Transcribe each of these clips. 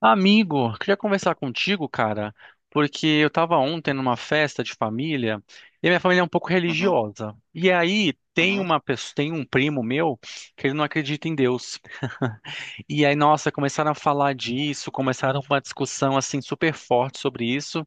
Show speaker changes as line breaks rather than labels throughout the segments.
Amigo, queria conversar contigo, cara, porque eu tava ontem numa festa de família e a minha família é um pouco
Uhum,
religiosa. E aí tem
uhum.
uma pessoa, tem um primo meu que ele não acredita em Deus. E aí, nossa, começaram a falar disso, começaram uma discussão assim super forte sobre isso.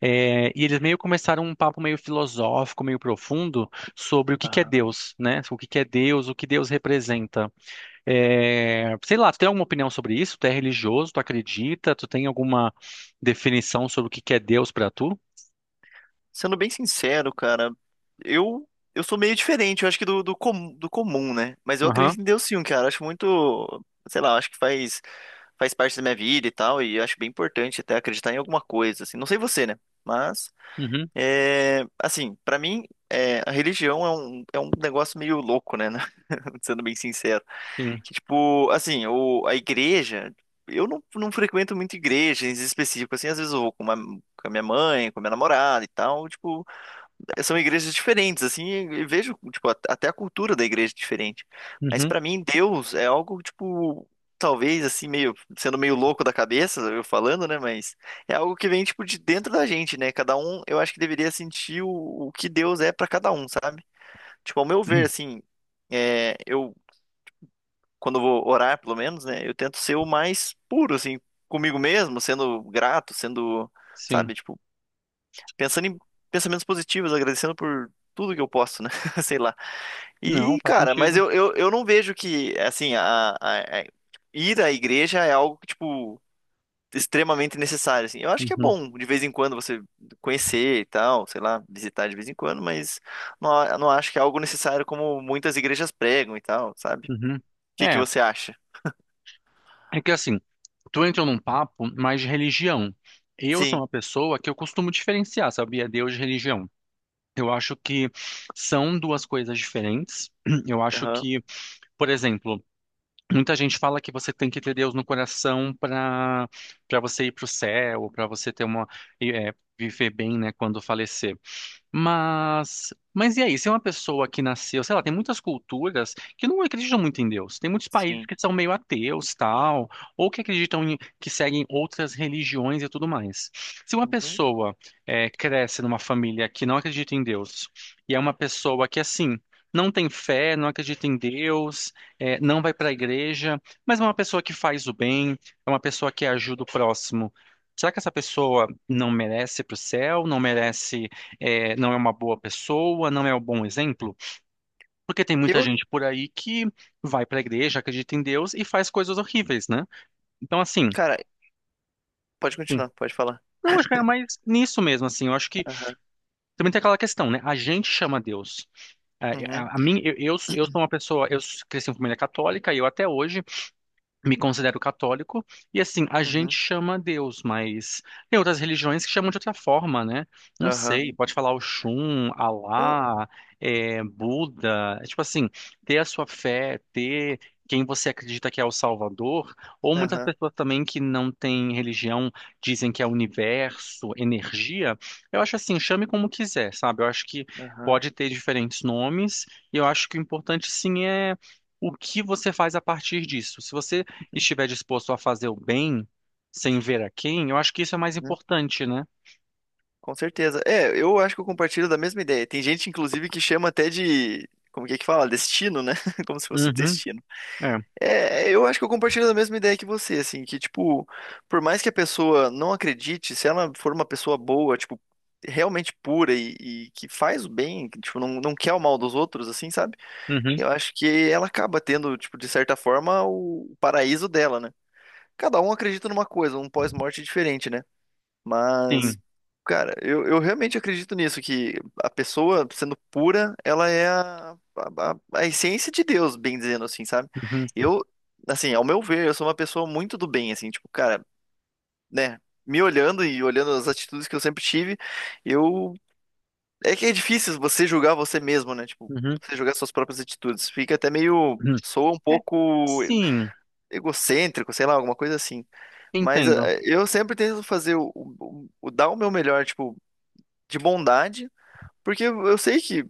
É, e eles meio começaram um papo meio filosófico, meio profundo sobre o que que é
Ah,
Deus, né? O que que é Deus, o que Deus representa. É, sei lá, tu tem alguma opinião sobre isso? Tu é religioso? Tu acredita? Tu tem alguma definição sobre o que que é Deus pra tu?
sendo bem sincero, cara, eu eu sou meio diferente, eu acho que do comum, né? Mas eu
Aham,
acredito em Deus sim, cara. Eu acho muito, sei lá, eu acho que faz parte da minha vida e tal, e eu acho bem importante até acreditar em alguma coisa, assim. Não sei você, né? Mas
uhum,
é, assim, pra mim, é, a religião é um negócio meio louco, né? Sendo bem sincero.
sim,
Que, tipo, assim, a igreja, eu não frequento muito igrejas em específico, assim, às vezes eu vou com a minha mãe, com a minha namorada e tal, tipo, são igrejas diferentes, assim, e vejo, tipo, até a cultura da igreja é diferente. Mas
uhum,
pra mim, Deus é algo, tipo, talvez, assim, meio, sendo meio louco da cabeça, eu falando, né, mas é algo que vem, tipo, de dentro da gente, né, cada um, eu acho que deveria sentir o que Deus é pra cada um, sabe? Tipo, ao meu ver, assim, é, eu quando eu vou orar, pelo menos, né? Eu tento ser o mais puro, assim, comigo mesmo, sendo grato, sendo,
sim.
sabe, tipo, pensando em pensamentos positivos, agradecendo por tudo que eu posso, né? Sei lá.
Não,
E,
faz
cara, mas
sentido.
eu não vejo que, assim, ir à igreja é algo que, tipo, extremamente necessário, assim. Eu acho que é
Uhum,
bom, de vez em quando, você conhecer e tal, sei lá, visitar de vez em quando, mas não acho que é algo necessário como muitas igrejas pregam e tal, sabe?
uhum.
O que que
É,
você acha?
é que assim, tu entra num papo mais de religião. Eu sou
Sim.
uma pessoa que eu costumo diferenciar, sabia? Deus de religião. Eu acho que são duas coisas diferentes. Eu acho que, por exemplo, muita gente fala que você tem que ter Deus no coração para para você ir para o céu, para você ter uma e, é, viver bem, né, quando falecer. Mas e aí? Se é uma pessoa que nasceu, sei lá, tem muitas culturas que não acreditam muito em Deus. Tem muitos países
Sim.
que são meio ateus, tal, ou que acreditam em, que seguem outras religiões e tudo mais. Se uma
Uhum.
pessoa cresce numa família que não acredita em Deus e é uma pessoa que assim não tem fé, não acredita em Deus, não vai para a igreja, mas é uma pessoa que faz o bem, é uma pessoa que ajuda o próximo. Será que essa pessoa não merece ir para o céu? Não merece é, não é uma boa pessoa, não é um bom exemplo, porque tem muita
Eu,
gente por aí que vai para a igreja, acredita em Deus e faz coisas horríveis, né? Então, assim,
cara, pode
sim,
continuar, pode falar.
não, acho que é mais nisso mesmo, assim, eu acho que
Aham.
também tem aquela questão, né? A gente chama Deus. A,
Uhum.
a mim, eu sou uma pessoa, eu cresci em família católica e eu até hoje me considero católico, e assim, a gente
Uhum.
chama Deus, mas tem outras religiões que chamam de outra forma, né? Não
Aham.
sei, pode falar Oxum,
Não,
Alá, é, Buda, é tipo assim, ter a sua fé, ter quem você acredita que é o Salvador, ou muitas
aham,
pessoas também que não têm religião dizem que é universo, energia, eu acho assim, chame como quiser, sabe? Eu acho que
aham,
pode ter diferentes nomes, e eu acho que o importante sim é o que você faz a partir disso. Se você estiver disposto a fazer o bem sem ver a quem, eu acho que isso é mais
uhum.
importante, né?
Com certeza. É, eu acho que eu compartilho da mesma ideia. Tem gente, inclusive, que chama até de. Como que é que fala? Destino, né? Como se fosse
Uhum,
destino.
é,
É, eu acho que eu compartilho da mesma ideia que você, assim, que, tipo, por mais que a pessoa não acredite, se ela for uma pessoa boa, tipo, realmente pura e que faz o bem, que, tipo, não quer o mal dos outros, assim, sabe?
uhum,
Eu acho que ela acaba tendo, tipo, de certa forma, o paraíso dela, né? Cada um acredita numa coisa, um pós-morte diferente, né? Mas,
sim,
cara, eu realmente acredito nisso, que a pessoa, sendo pura, ela é a essência de Deus, bem dizendo assim, sabe?
uhum,
Eu, assim, ao meu ver, eu sou uma pessoa muito do bem, assim, tipo, cara, né? Me olhando e olhando as atitudes que eu sempre tive, eu é que é difícil você julgar você mesmo, né? Tipo,
uhum,
você julgar suas próprias atitudes. Fica até meio.
uhum.
Soa um
É,
pouco
sim,
egocêntrico, sei lá, alguma coisa assim. Mas
entendo.
eu sempre tento fazer dar o meu melhor, tipo, de bondade, porque eu sei que,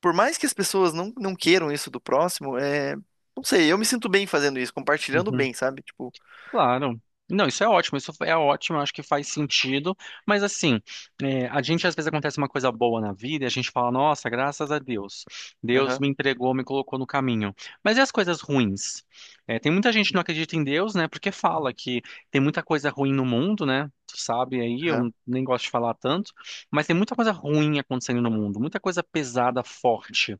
por mais que as pessoas não queiram isso do próximo, é. Não sei, eu me sinto bem fazendo isso, compartilhando
Uhum.
bem, sabe? Tipo,
Claro. Não, isso é ótimo, eu acho que faz sentido, mas assim, é, a gente às vezes acontece uma coisa boa na vida e a gente fala, nossa, graças a Deus, Deus
aham,
me entregou, me colocou no caminho. Mas e as coisas ruins? É, tem muita gente que não acredita em Deus, né, porque fala que tem muita coisa ruim no mundo, né, tu sabe aí, eu
aham,
nem gosto de falar tanto, mas tem muita coisa ruim acontecendo no mundo, muita coisa pesada, forte.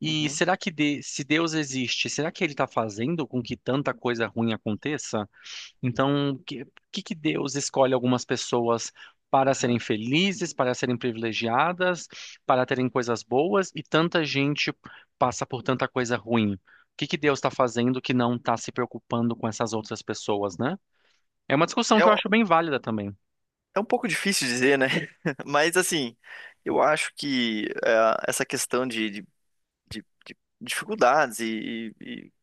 E
uhum.
será que se Deus existe, será que ele está fazendo com que tanta coisa ruim aconteça? Então, o que, que Deus escolhe algumas pessoas para serem felizes, para serem privilegiadas, para terem coisas boas e tanta gente passa por tanta coisa ruim? O que que Deus está fazendo que não está se preocupando com essas outras pessoas, né? É uma discussão
É,
que eu acho bem válida também.
é um pouco difícil dizer, né? Mas assim, eu acho que essa questão de dificuldades e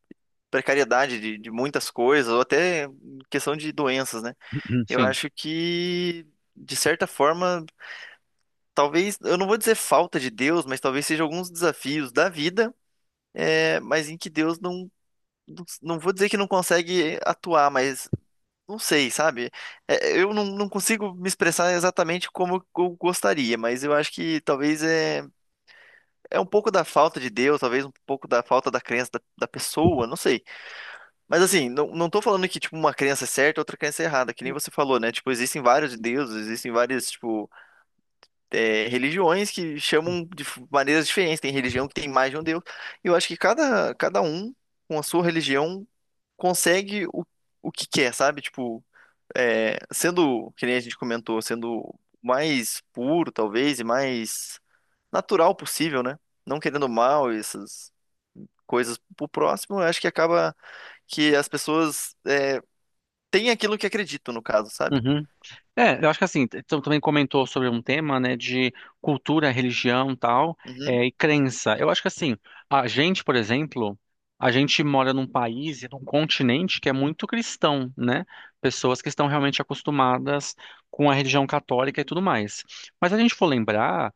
precariedade de muitas coisas, ou até questão de doenças, né? Eu
Sim.
acho que, de certa forma, talvez, eu não vou dizer falta de Deus, mas talvez seja alguns desafios da vida, é, mas em que Deus não vou dizer que não consegue atuar, mas não sei, sabe? É, eu não consigo me expressar exatamente como eu gostaria, mas eu acho que talvez é um pouco da falta de Deus, talvez um pouco da falta da crença da pessoa, não sei. Mas assim, não tô falando que, tipo, uma crença é certa e outra crença é errada, que nem você falou, né? Tipo, existem vários deuses, existem várias, tipo, é, religiões que chamam de maneiras diferentes. Tem religião que tem mais de um deus. E eu acho que cada um, com a sua religião, consegue o que quer, sabe? Tipo, é, sendo, que nem a gente comentou, sendo o mais puro, talvez, e mais natural possível, né? Não querendo mal, essas coisas pro próximo, eu acho que acaba que as pessoas tem aquilo que acredito, no caso, sabe?
Uhum. É, eu acho que assim, tu também comentou sobre um tema, né, de cultura, religião, tal,
Uhum,
é, e crença. Eu acho que assim, a gente, por exemplo, a gente mora num país e num continente que é muito cristão, né? Pessoas que estão realmente acostumadas com a religião católica e tudo mais. Mas se a gente for lembrar,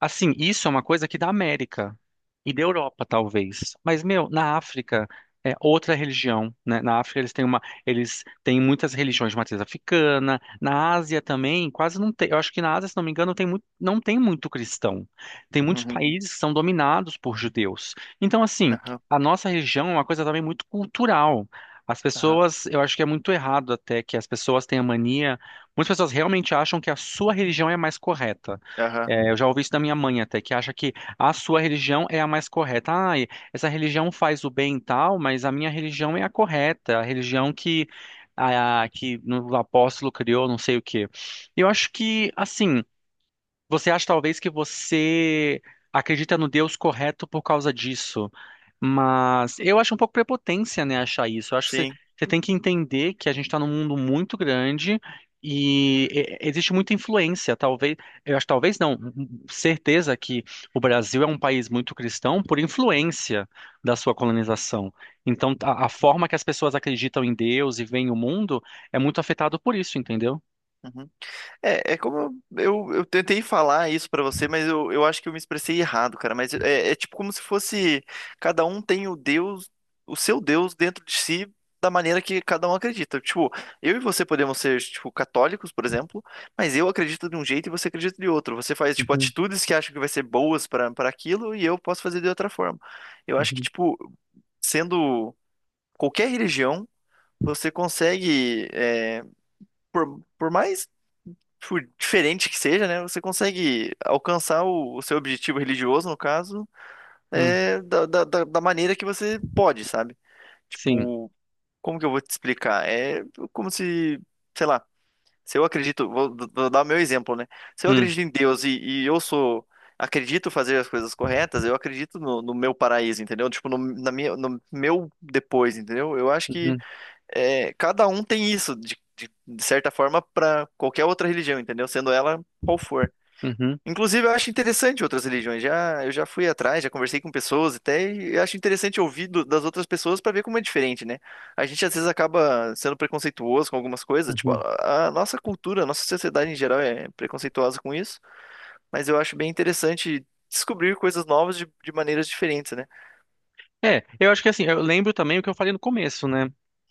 assim, isso é uma coisa aqui da América e da Europa, talvez. Mas, meu, na África é outra religião, né? Na África eles têm uma, eles têm muitas religiões de matriz africana. Na Ásia também, quase não tem. Eu acho que na Ásia, se não me engano, tem muito, não tem muito cristão. Tem muitos
uhum,
países que são dominados por judeus. Então, assim,
aham,
a nossa religião é uma coisa também muito cultural. As
aham,
pessoas, eu acho que é muito errado até que as pessoas tenham mania. Muitas pessoas realmente acham que a sua religião é a mais correta.
aham,
É, eu já ouvi isso da minha mãe até, que acha que a sua religião é a mais correta. Ah, essa religião faz o bem e tal, mas a minha religião é a correta, a religião que, a, que o apóstolo criou, não sei o quê. Eu acho que, assim, você acha talvez que você acredita no Deus correto por causa disso, mas eu acho um pouco prepotência, né, achar isso. Eu acho que você,
sim.
você tem que entender que a gente está num mundo muito grande e existe muita influência. Talvez, eu acho, talvez não, hum, certeza que o Brasil é um país muito cristão por influência da sua colonização. Então, a forma que as pessoas acreditam em Deus e veem o mundo é muito afetado por isso, entendeu?
Uhum. É, é como eu tentei falar isso pra você, mas eu acho que eu me expressei errado, cara. Mas é, é tipo como se fosse cada um tem o Deus, o seu Deus dentro de si da maneira que cada um acredita. Tipo, eu e você podemos ser, tipo, católicos, por exemplo, mas eu acredito de um jeito e você acredita de outro. Você faz, tipo,
Uhum,
atitudes que acha que vai ser boas pra para aquilo e eu posso fazer de outra forma. Eu acho que,
uhum.
tipo, sendo qualquer religião, você consegue, é, por mais tipo, diferente que seja, né, você consegue alcançar o seu objetivo religioso, no caso,
Hum,
é, da maneira que você pode, sabe?
sim.
Tipo, como que eu vou te explicar? É como se, sei lá, se eu acredito, vou dar o meu exemplo, né? Se eu
Hum,
acredito em Deus e eu sou. Acredito fazer as coisas corretas, eu acredito no meu paraíso, entendeu? Tipo, no meu depois, entendeu? Eu acho que
uhum.
é, cada um tem isso, de certa forma, para qualquer outra religião, entendeu? Sendo ela qual for.
Uhum,
Inclusive, eu acho interessante outras religiões. Já, eu já fui atrás, já conversei com pessoas até, e eu acho interessante ouvir das outras pessoas para ver como é diferente, né? A gente às vezes acaba sendo preconceituoso com algumas coisas, tipo,
uhum.
a nossa cultura, a nossa sociedade em geral é preconceituosa com isso, mas eu acho bem interessante descobrir coisas novas de maneiras diferentes, né?
É, eu acho que assim, eu lembro também o que eu falei no começo, né?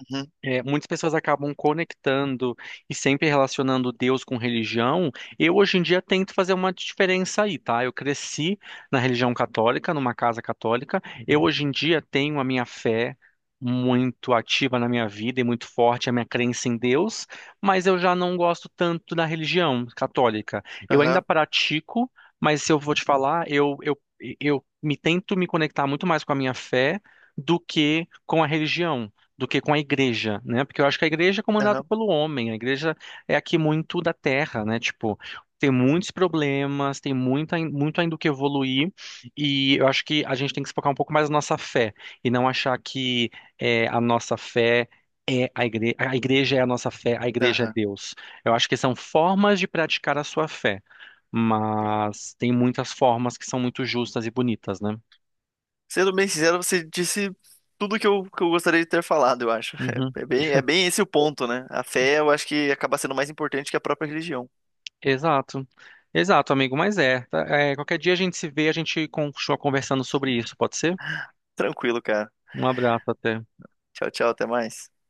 Uhum,
É, muitas pessoas acabam conectando e sempre relacionando Deus com religião. Eu, hoje em dia, tento fazer uma diferença aí, tá? Eu cresci na religião católica, numa casa católica. Eu, hoje em dia, tenho a minha fé muito ativa na minha vida e muito forte a minha crença em Deus, mas eu já não gosto tanto da religião católica. Eu ainda
aham,
pratico, mas se eu vou te falar, eu me tento me conectar muito mais com a minha fé do que com a religião do que com a igreja, né? Porque eu acho que a igreja é comandada
aham,
pelo homem, a igreja é aqui muito da terra, né? Tipo, tem muitos problemas, tem muito, muito ainda o que evoluir, e eu acho que a gente tem que se focar um pouco mais na nossa fé, e não achar que é, a nossa fé é a igreja é a nossa fé, a igreja é
aham.
Deus. Eu acho que são formas de praticar a sua fé, mas tem muitas formas que são muito justas e bonitas, né?
Sendo bem sincero, você disse tudo que eu gostaria de ter falado, eu acho. É, é bem esse o ponto, né? A fé, eu acho que acaba sendo mais importante que a própria religião.
Exato. Exato, amigo, mas é, tá? É, qualquer dia a gente se vê, a gente continua conversando sobre isso, pode ser?
Tranquilo, cara.
Um abraço até.
Tchau, tchau, até mais.